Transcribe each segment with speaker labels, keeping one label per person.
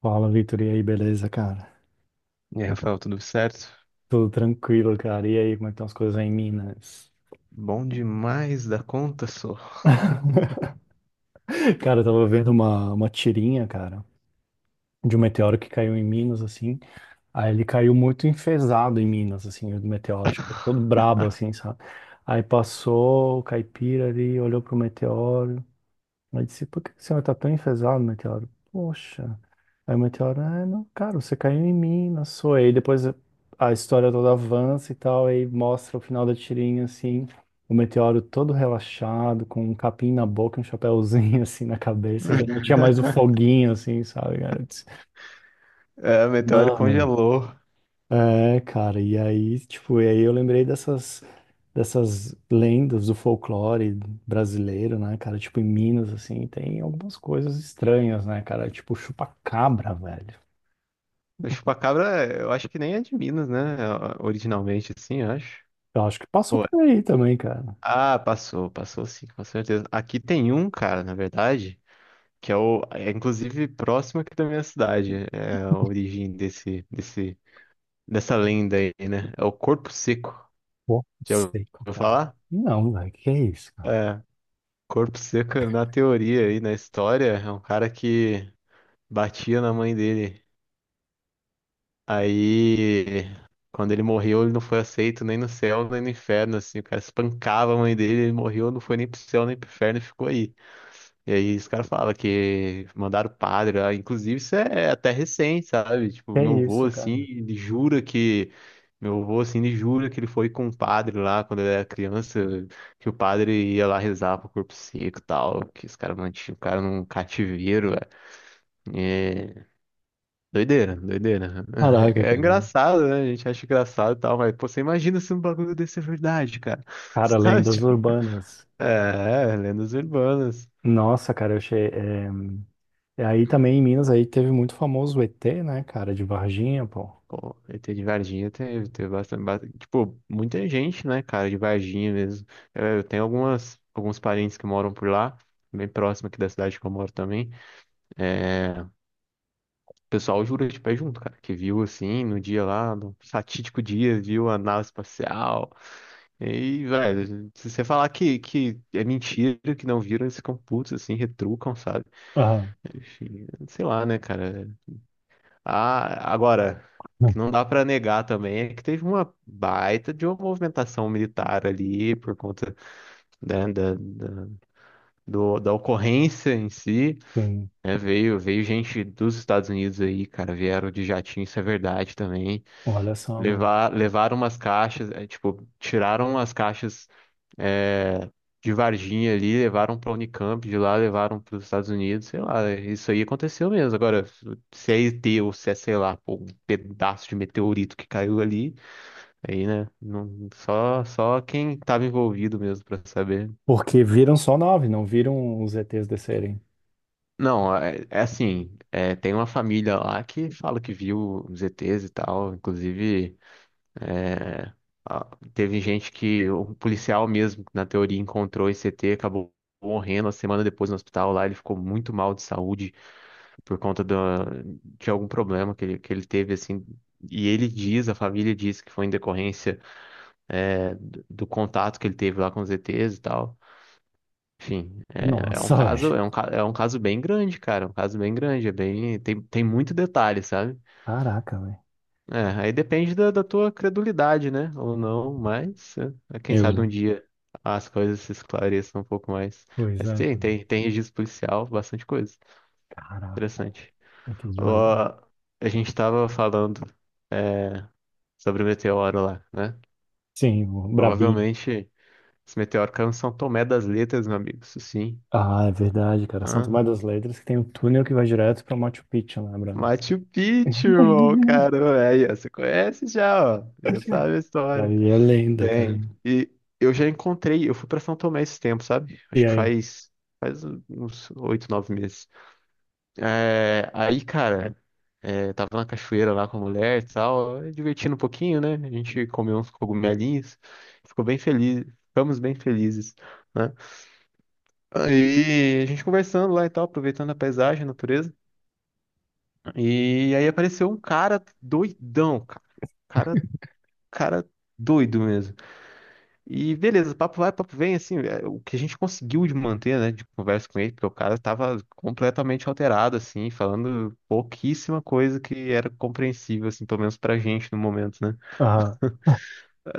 Speaker 1: Fala, Vitor, e aí, beleza, cara?
Speaker 2: E aí, Rafael, tudo certo?
Speaker 1: Tudo tranquilo, cara. E aí, como é que estão as coisas aí em Minas?
Speaker 2: Bom demais da conta, só.
Speaker 1: Cara, eu tava vendo uma tirinha, cara, de um meteoro que caiu em Minas, assim. Aí ele caiu muito enfesado em Minas, assim, o meteoro, tipo, todo brabo, assim, sabe? Aí passou o caipira ali, olhou pro meteoro. Aí disse, por que que o senhor tá tão enfesado, meteoro? Poxa. Aí o meteoro, ah, não, cara, você caiu em mim, não sou. Aí depois a história toda avança e tal, aí mostra o final da tirinha, assim, o meteoro todo relaxado, com um capim na boca, um chapéuzinho, assim, na cabeça, e já não tinha mais o foguinho, assim, sabe, cara? Eu disse,
Speaker 2: É, o meteoro
Speaker 1: mano,
Speaker 2: congelou.
Speaker 1: é, cara, e aí, tipo, e aí eu lembrei dessas lendas do folclore brasileiro, né, cara? Tipo, em Minas, assim, tem algumas coisas estranhas, né, cara? Tipo, chupa-cabra, velho.
Speaker 2: A chupacabra, eu acho que nem é de Minas, né? Originalmente, assim, eu acho.
Speaker 1: Eu acho que passou
Speaker 2: Ou é?
Speaker 1: por aí também, cara.
Speaker 2: Ah, passou, passou sim, com certeza. Aqui tem um, cara, na verdade, que é o, é inclusive próximo aqui da minha cidade. É a origem dessa lenda aí, né? É o Corpo Seco.
Speaker 1: Pô,
Speaker 2: Já ouviu
Speaker 1: seco, cara.
Speaker 2: falar?
Speaker 1: Não, velho, que é isso, cara?
Speaker 2: É. Corpo Seca, na teoria e na história, é um cara que batia na mãe dele. Aí, quando ele morreu, ele não foi aceito nem no céu, nem no inferno, assim. O cara espancava a mãe dele, ele morreu, não foi nem pro céu, nem pro inferno, e ficou aí. E aí os caras falam que mandaram o padre lá. Inclusive, isso é até recente, sabe?
Speaker 1: Que
Speaker 2: Tipo,
Speaker 1: é
Speaker 2: meu avô,
Speaker 1: isso,
Speaker 2: assim,
Speaker 1: cara?
Speaker 2: ele jura que. Meu avô, assim, ele jura que ele foi com o padre lá quando ele era criança, que o padre ia lá rezar pro corpo seco e tal, que os caras mantinham o cara num cativeiro, velho. É doideira, doideira.
Speaker 1: Caraca,
Speaker 2: É
Speaker 1: cara.
Speaker 2: engraçado, né? A gente acha engraçado e tal, mas, pô, você imagina se um bagulho desse é verdade, cara.
Speaker 1: Cara,
Speaker 2: Sabe?
Speaker 1: lendas
Speaker 2: Tipo,
Speaker 1: urbanas.
Speaker 2: é, lendas urbanas.
Speaker 1: Nossa, cara, eu achei. E aí também em Minas aí teve muito famoso o ET, né, cara, de Varginha, pô.
Speaker 2: Pô, ET de Varginha teve, tipo, muita gente, né, cara, de Varginha mesmo. Eu tenho algumas, alguns parentes que moram por lá, bem próximo aqui da cidade que eu moro também. É, o pessoal jura de pé junto, cara, que viu, assim, no dia lá, no fatídico dia, viu a nave espacial. E, velho, se você falar que é mentira, que não viram, eles ficam putos, assim, retrucam, sabe?
Speaker 1: Aham.
Speaker 2: Enfim, sei lá, né, cara, ah, agora, o
Speaker 1: Não,
Speaker 2: que não dá para negar também é que teve uma baita de uma movimentação militar ali por conta da, da, da, da ocorrência em si,
Speaker 1: sim.
Speaker 2: né? Veio, veio gente dos Estados Unidos aí, cara, vieram de jatinho, isso é verdade também.
Speaker 1: Olha só, mano.
Speaker 2: Levar, levaram umas caixas, é, tipo, tiraram as caixas, eh, de Varginha ali, levaram para Unicamp, de lá levaram para os Estados Unidos, sei lá, isso aí aconteceu mesmo. Agora, se é ET ou se é, sei lá, pô, um pedaço de meteorito que caiu ali, aí, né, não, só, só quem estava envolvido mesmo para saber.
Speaker 1: Porque viram só nove, não viram os ETs descerem.
Speaker 2: Não, é, é assim, é, tem uma família lá que fala que viu os ETs e tal, inclusive. É, a- teve gente que, o policial mesmo, na teoria, encontrou esse ET, acabou morrendo a semana depois no hospital lá. Ele ficou muito mal de saúde por conta de algum problema que ele teve, assim. E ele diz, a família diz que foi em decorrência, é, do contato que ele teve lá com os ETs e tal. Enfim, é, é um
Speaker 1: Nossa,
Speaker 2: caso,
Speaker 1: velho.
Speaker 2: é um, é um caso bem grande, cara. É um caso bem grande, é bem, tem, tem muito detalhe, sabe?
Speaker 1: Caraca, velho.
Speaker 2: É, aí depende da tua credulidade, né? Ou não, mas é, é, quem
Speaker 1: Eu
Speaker 2: sabe um
Speaker 1: lembro.
Speaker 2: dia as coisas se esclareçam um pouco mais.
Speaker 1: Pois
Speaker 2: Mas
Speaker 1: é,
Speaker 2: tem,
Speaker 1: cara.
Speaker 2: tem, tem registro policial, bastante coisa.
Speaker 1: Caraca.
Speaker 2: Interessante.
Speaker 1: ET de Varginha.
Speaker 2: Ó, a gente estava falando é, sobre o meteoro lá, né?
Speaker 1: Sim, o Brabinho.
Speaker 2: Provavelmente esse meteoro caiu em São Tomé das Letras, meu amigo, isso sim,
Speaker 1: Ah, é verdade, cara. São
Speaker 2: né?
Speaker 1: Tomé das Letras que tem um túnel que vai direto pra Machu Picchu, né, Brian?
Speaker 2: Machu Picchu, irmão,
Speaker 1: Aí
Speaker 2: cara, aí, ó, você conhece já, ó, já sabe a história.
Speaker 1: é lenda, cara.
Speaker 2: Tem. E eu já encontrei, eu fui pra São Tomé esse tempo, sabe?
Speaker 1: E
Speaker 2: Acho que
Speaker 1: aí?
Speaker 2: faz, faz uns oito, nove meses. É, aí, cara, é, tava na cachoeira lá com a mulher e tal, divertindo um pouquinho, né? A gente comeu uns cogumelinhos, ficou bem feliz, ficamos bem felizes, né? Aí a gente conversando lá e tal, aproveitando a paisagem, a natureza. E aí apareceu um cara doidão, cara. Cara, cara doido mesmo. E beleza, papo vai, papo vem, assim, é, o que a gente conseguiu de manter, né, de conversa com ele, porque o cara tava completamente alterado, assim, falando pouquíssima coisa que era compreensível, assim, pelo menos pra gente no momento, né?
Speaker 1: Aham.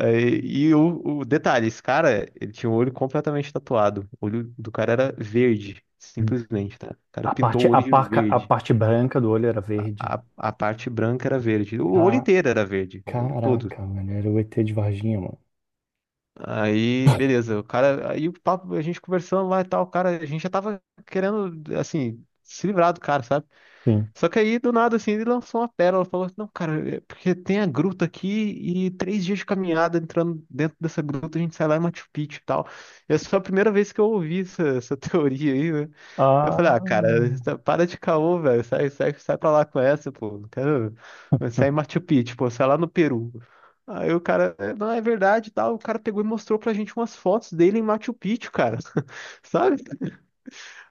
Speaker 2: Aí, e, o detalhe, esse cara, ele tinha o olho completamente tatuado, o olho do cara era verde, simplesmente, tá? O cara
Speaker 1: A
Speaker 2: pintou o
Speaker 1: parte, a
Speaker 2: olho de
Speaker 1: parca, a
Speaker 2: verde,
Speaker 1: parte branca do olho era verde.
Speaker 2: a parte branca era verde, o olho
Speaker 1: Ca-
Speaker 2: inteiro era verde, o olho todo.
Speaker 1: Caraca, mano. Era o ET de Varginha, mano.
Speaker 2: Aí, beleza, o cara, aí o papo, a gente conversando lá e tal, o cara, a gente já tava querendo, assim, se livrar do cara, sabe?
Speaker 1: Sim.
Speaker 2: Só que aí, do nada, assim, ele lançou uma pérola, falou assim, não, cara, é porque tem a gruta aqui e três dias de caminhada entrando dentro dessa gruta, a gente sai lá em Machu Picchu e tal. Essa foi a primeira vez que eu ouvi essa teoria aí, né? Eu falei, ah, cara,
Speaker 1: Ah,
Speaker 2: para de caô, velho. Sai, sai, sai pra lá com essa, pô. Não quero. Sai em Machu Picchu, pô, sai lá no Peru. Aí o cara, "É, não, é verdade, e tal. O cara pegou e mostrou pra gente umas fotos dele em Machu Picchu, cara. Sabe?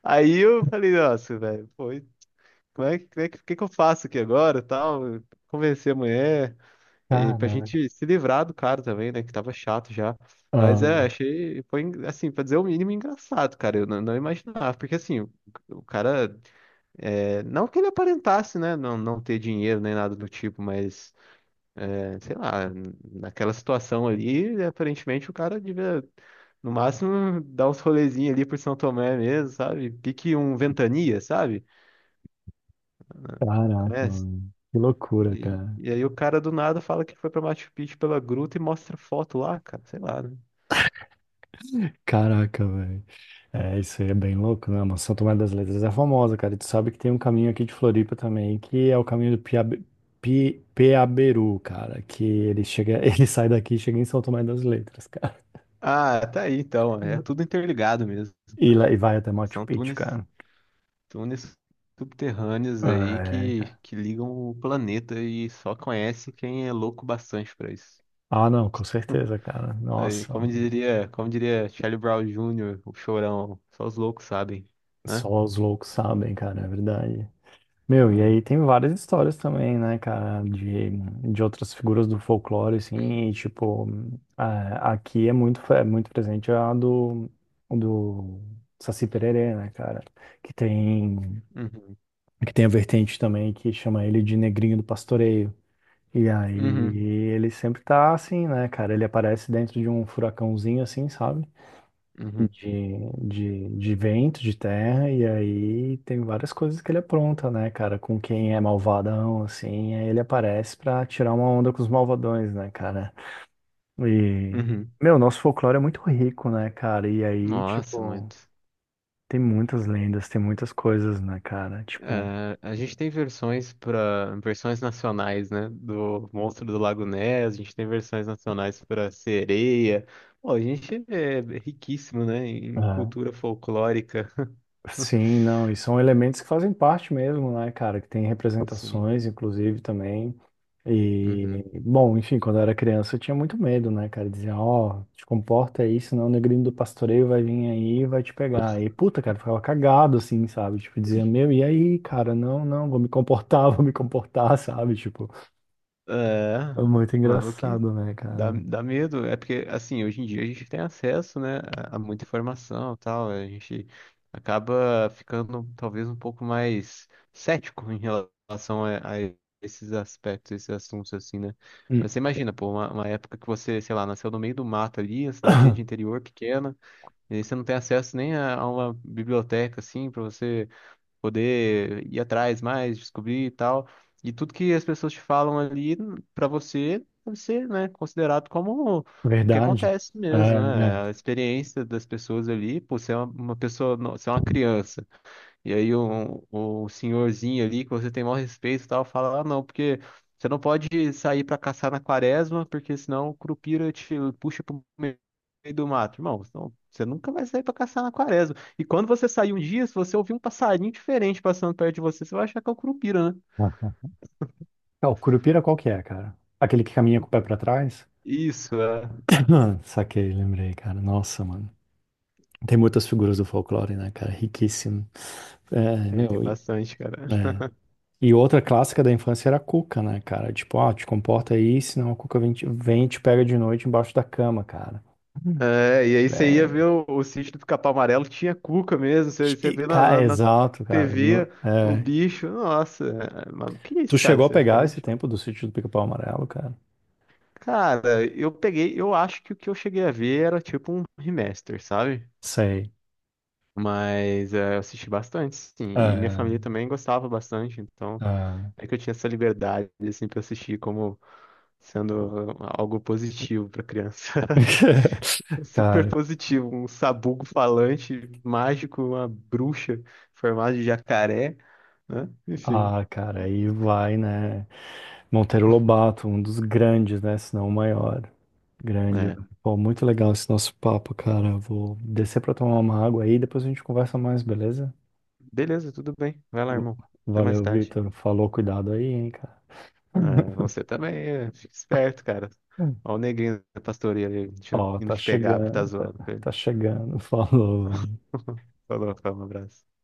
Speaker 2: Aí eu falei, nossa, velho, pô, e como é que eu faço aqui agora, e tal? Convencer a mulher e pra
Speaker 1: caraca.
Speaker 2: gente se livrar do cara também, né? Que tava chato já. Mas
Speaker 1: Ah,
Speaker 2: é, achei, foi, assim, pra dizer o mínimo, engraçado, cara. Eu não, não imaginava, porque assim, o cara. É, não que ele aparentasse, né, não ter dinheiro nem nada do tipo, mas, é, sei lá, naquela situação ali, aparentemente o cara devia, no máximo, dar uns rolezinhos ali por São Tomé mesmo, sabe? Pique um Ventania, sabe?
Speaker 1: caraca,
Speaker 2: Conhece?
Speaker 1: mano. Que loucura, cara.
Speaker 2: E aí o cara do nada fala que foi pra Machu Picchu pela gruta e mostra foto lá, cara, sei lá, né?
Speaker 1: Caraca, velho. É, isso aí é bem louco, né? Mas São Tomé das Letras é famosa, cara. E tu sabe que tem um caminho aqui de Floripa também, que é o caminho do Piabe... Pi... Peaberu, cara. Que ele chega, ele sai daqui e chega em São Tomé das Letras, cara.
Speaker 2: Ah, tá aí então, é tudo interligado mesmo,
Speaker 1: E, lá, e vai até Machu
Speaker 2: são
Speaker 1: Picchu, cara.
Speaker 2: túneis subterrâneos aí
Speaker 1: É, cara.
Speaker 2: que ligam o planeta e só conhece quem é louco bastante pra isso.
Speaker 1: Ah, não, com certeza, cara.
Speaker 2: Aí,
Speaker 1: Nossa,
Speaker 2: como diria Charlie Brown Jr., o chorão, só os loucos sabem, né?
Speaker 1: só os loucos sabem, cara, é verdade. Meu, e
Speaker 2: Ah,
Speaker 1: aí tem várias histórias também, né, cara, de outras figuras do folclore, assim, e, tipo, aqui é muito, é muito presente a do, do Saci Pererê, né, cara, que tem,
Speaker 2: uhum,
Speaker 1: que tem a vertente também que chama ele de Negrinho do Pastoreio. E aí
Speaker 2: uhum,
Speaker 1: ele sempre tá assim, né, cara, ele aparece dentro de um furacãozinho, assim, sabe?
Speaker 2: uhum,
Speaker 1: De, de vento, de terra, e aí tem várias coisas que ele apronta, né, cara? Com quem é malvadão, assim, aí ele aparece pra tirar uma onda com os malvadões, né, cara? E,
Speaker 2: uhum.
Speaker 1: meu, nosso folclore é muito rico, né, cara? E aí,
Speaker 2: Nossa,
Speaker 1: tipo,
Speaker 2: muito.
Speaker 1: tem muitas lendas, tem muitas coisas, né, cara? Tipo.
Speaker 2: É, a gente tem versões para versões nacionais, né? Do Monstro do Lago Ness, a gente tem versões nacionais para sereia. Pô, a gente é riquíssimo, né? Em cultura folclórica.
Speaker 1: Sim, não, e são elementos que fazem parte mesmo, né, cara, que tem
Speaker 2: Sim.
Speaker 1: representações, inclusive, também. E,
Speaker 2: Uhum.
Speaker 1: bom, enfim, quando eu era criança eu tinha muito medo, né, cara, dizia, ó, te comporta aí, senão o negrinho do pastoreio vai vir aí e vai te pegar. E, puta, cara, eu ficava cagado, assim, sabe, tipo, dizia, meu, e aí, cara, não, não, vou me comportar, vou me comportar, sabe, tipo,
Speaker 2: É,
Speaker 1: é muito
Speaker 2: mano, que
Speaker 1: engraçado, né,
Speaker 2: dá,
Speaker 1: cara.
Speaker 2: dá medo. É porque, assim, hoje em dia a gente tem acesso, né, a muita informação e tal. A gente acaba ficando talvez um pouco mais cético em relação a esses aspectos, esses assuntos, assim, né?
Speaker 1: Hum.
Speaker 2: Mas você imagina, pô, uma época que você, sei lá, nasceu no meio do mato ali, uma cidadezinha de interior pequena, e aí você não tem acesso nem a uma biblioteca, assim, pra você poder ir atrás mais, descobrir e tal. E tudo que as pessoas te falam ali pra você deve ser, né, considerado como o que
Speaker 1: Verdade.
Speaker 2: acontece
Speaker 1: É,
Speaker 2: mesmo,
Speaker 1: é.
Speaker 2: né? A experiência das pessoas ali, pô, você é uma pessoa, você é uma criança. E aí o senhorzinho ali, que você tem maior respeito e tal, fala, ah, não, porque você não pode sair pra caçar na quaresma, porque senão o Curupira te puxa pro meio do mato. Irmão, você nunca vai sair pra caçar na quaresma. E quando você sair um dia, se você ouvir um passarinho diferente passando perto de você, você vai achar que é o Curupira, né?
Speaker 1: Ah, o Curupira qual que é, cara? Aquele que caminha com o pé pra trás?
Speaker 2: Isso, é.
Speaker 1: Ah, saquei, lembrei, cara. Nossa, mano. Tem muitas figuras do folclore, né, cara? Riquíssimo. É,
Speaker 2: Tem, tem
Speaker 1: meu,
Speaker 2: bastante, cara.
Speaker 1: é. E outra clássica da infância era a cuca, né, cara? Tipo, ó, te comporta aí, senão a cuca vem, vem e te pega de noite embaixo da cama, cara. Hum.
Speaker 2: É, e aí você ia
Speaker 1: É,
Speaker 2: ver o sítio do Pica-Pau Amarelo, tinha cuca mesmo, você, você
Speaker 1: e,
Speaker 2: vê na,
Speaker 1: cara,
Speaker 2: na, na
Speaker 1: exato, cara.
Speaker 2: TV o
Speaker 1: É.
Speaker 2: bicho, nossa, é, mano, que é
Speaker 1: Tu
Speaker 2: isso, cara?
Speaker 1: chegou a
Speaker 2: Você fica
Speaker 1: pegar
Speaker 2: meio
Speaker 1: esse
Speaker 2: chocado.
Speaker 1: tempo do sítio do Pica-Pau Amarelo, cara?
Speaker 2: Cara, eu peguei, eu acho que o que eu cheguei a ver era tipo um remaster, sabe?
Speaker 1: Sei.
Speaker 2: Mas é, eu assisti bastante, sim, e minha família
Speaker 1: É,
Speaker 2: também gostava bastante, então
Speaker 1: é.
Speaker 2: é que eu tinha essa liberdade, assim, pra assistir como sendo algo positivo pra criança. Super
Speaker 1: Cara,
Speaker 2: positivo, um sabugo falante, mágico, uma bruxa formada de jacaré, né? Enfim,
Speaker 1: ah, cara, aí vai, né? Monteiro Lobato, um dos grandes, né? Se não o maior. Grande.
Speaker 2: né?
Speaker 1: Pô, muito legal esse nosso papo, cara. Vou descer pra tomar uma água aí, depois a gente conversa mais, beleza?
Speaker 2: Beleza, tudo bem. Vai lá, irmão. Até mais
Speaker 1: Valeu,
Speaker 2: tarde.
Speaker 1: Vitor. Falou, cuidado aí, hein, cara.
Speaker 2: Ah, você também, é, fica esperto, cara. Ó o negrinho da pastoria ali,
Speaker 1: Ó,
Speaker 2: indo
Speaker 1: tá
Speaker 2: te pegar, porque tá
Speaker 1: chegando, tá,
Speaker 2: zoando com ele.
Speaker 1: tá chegando. Falou, velho.
Speaker 2: Falou, cara, um abraço.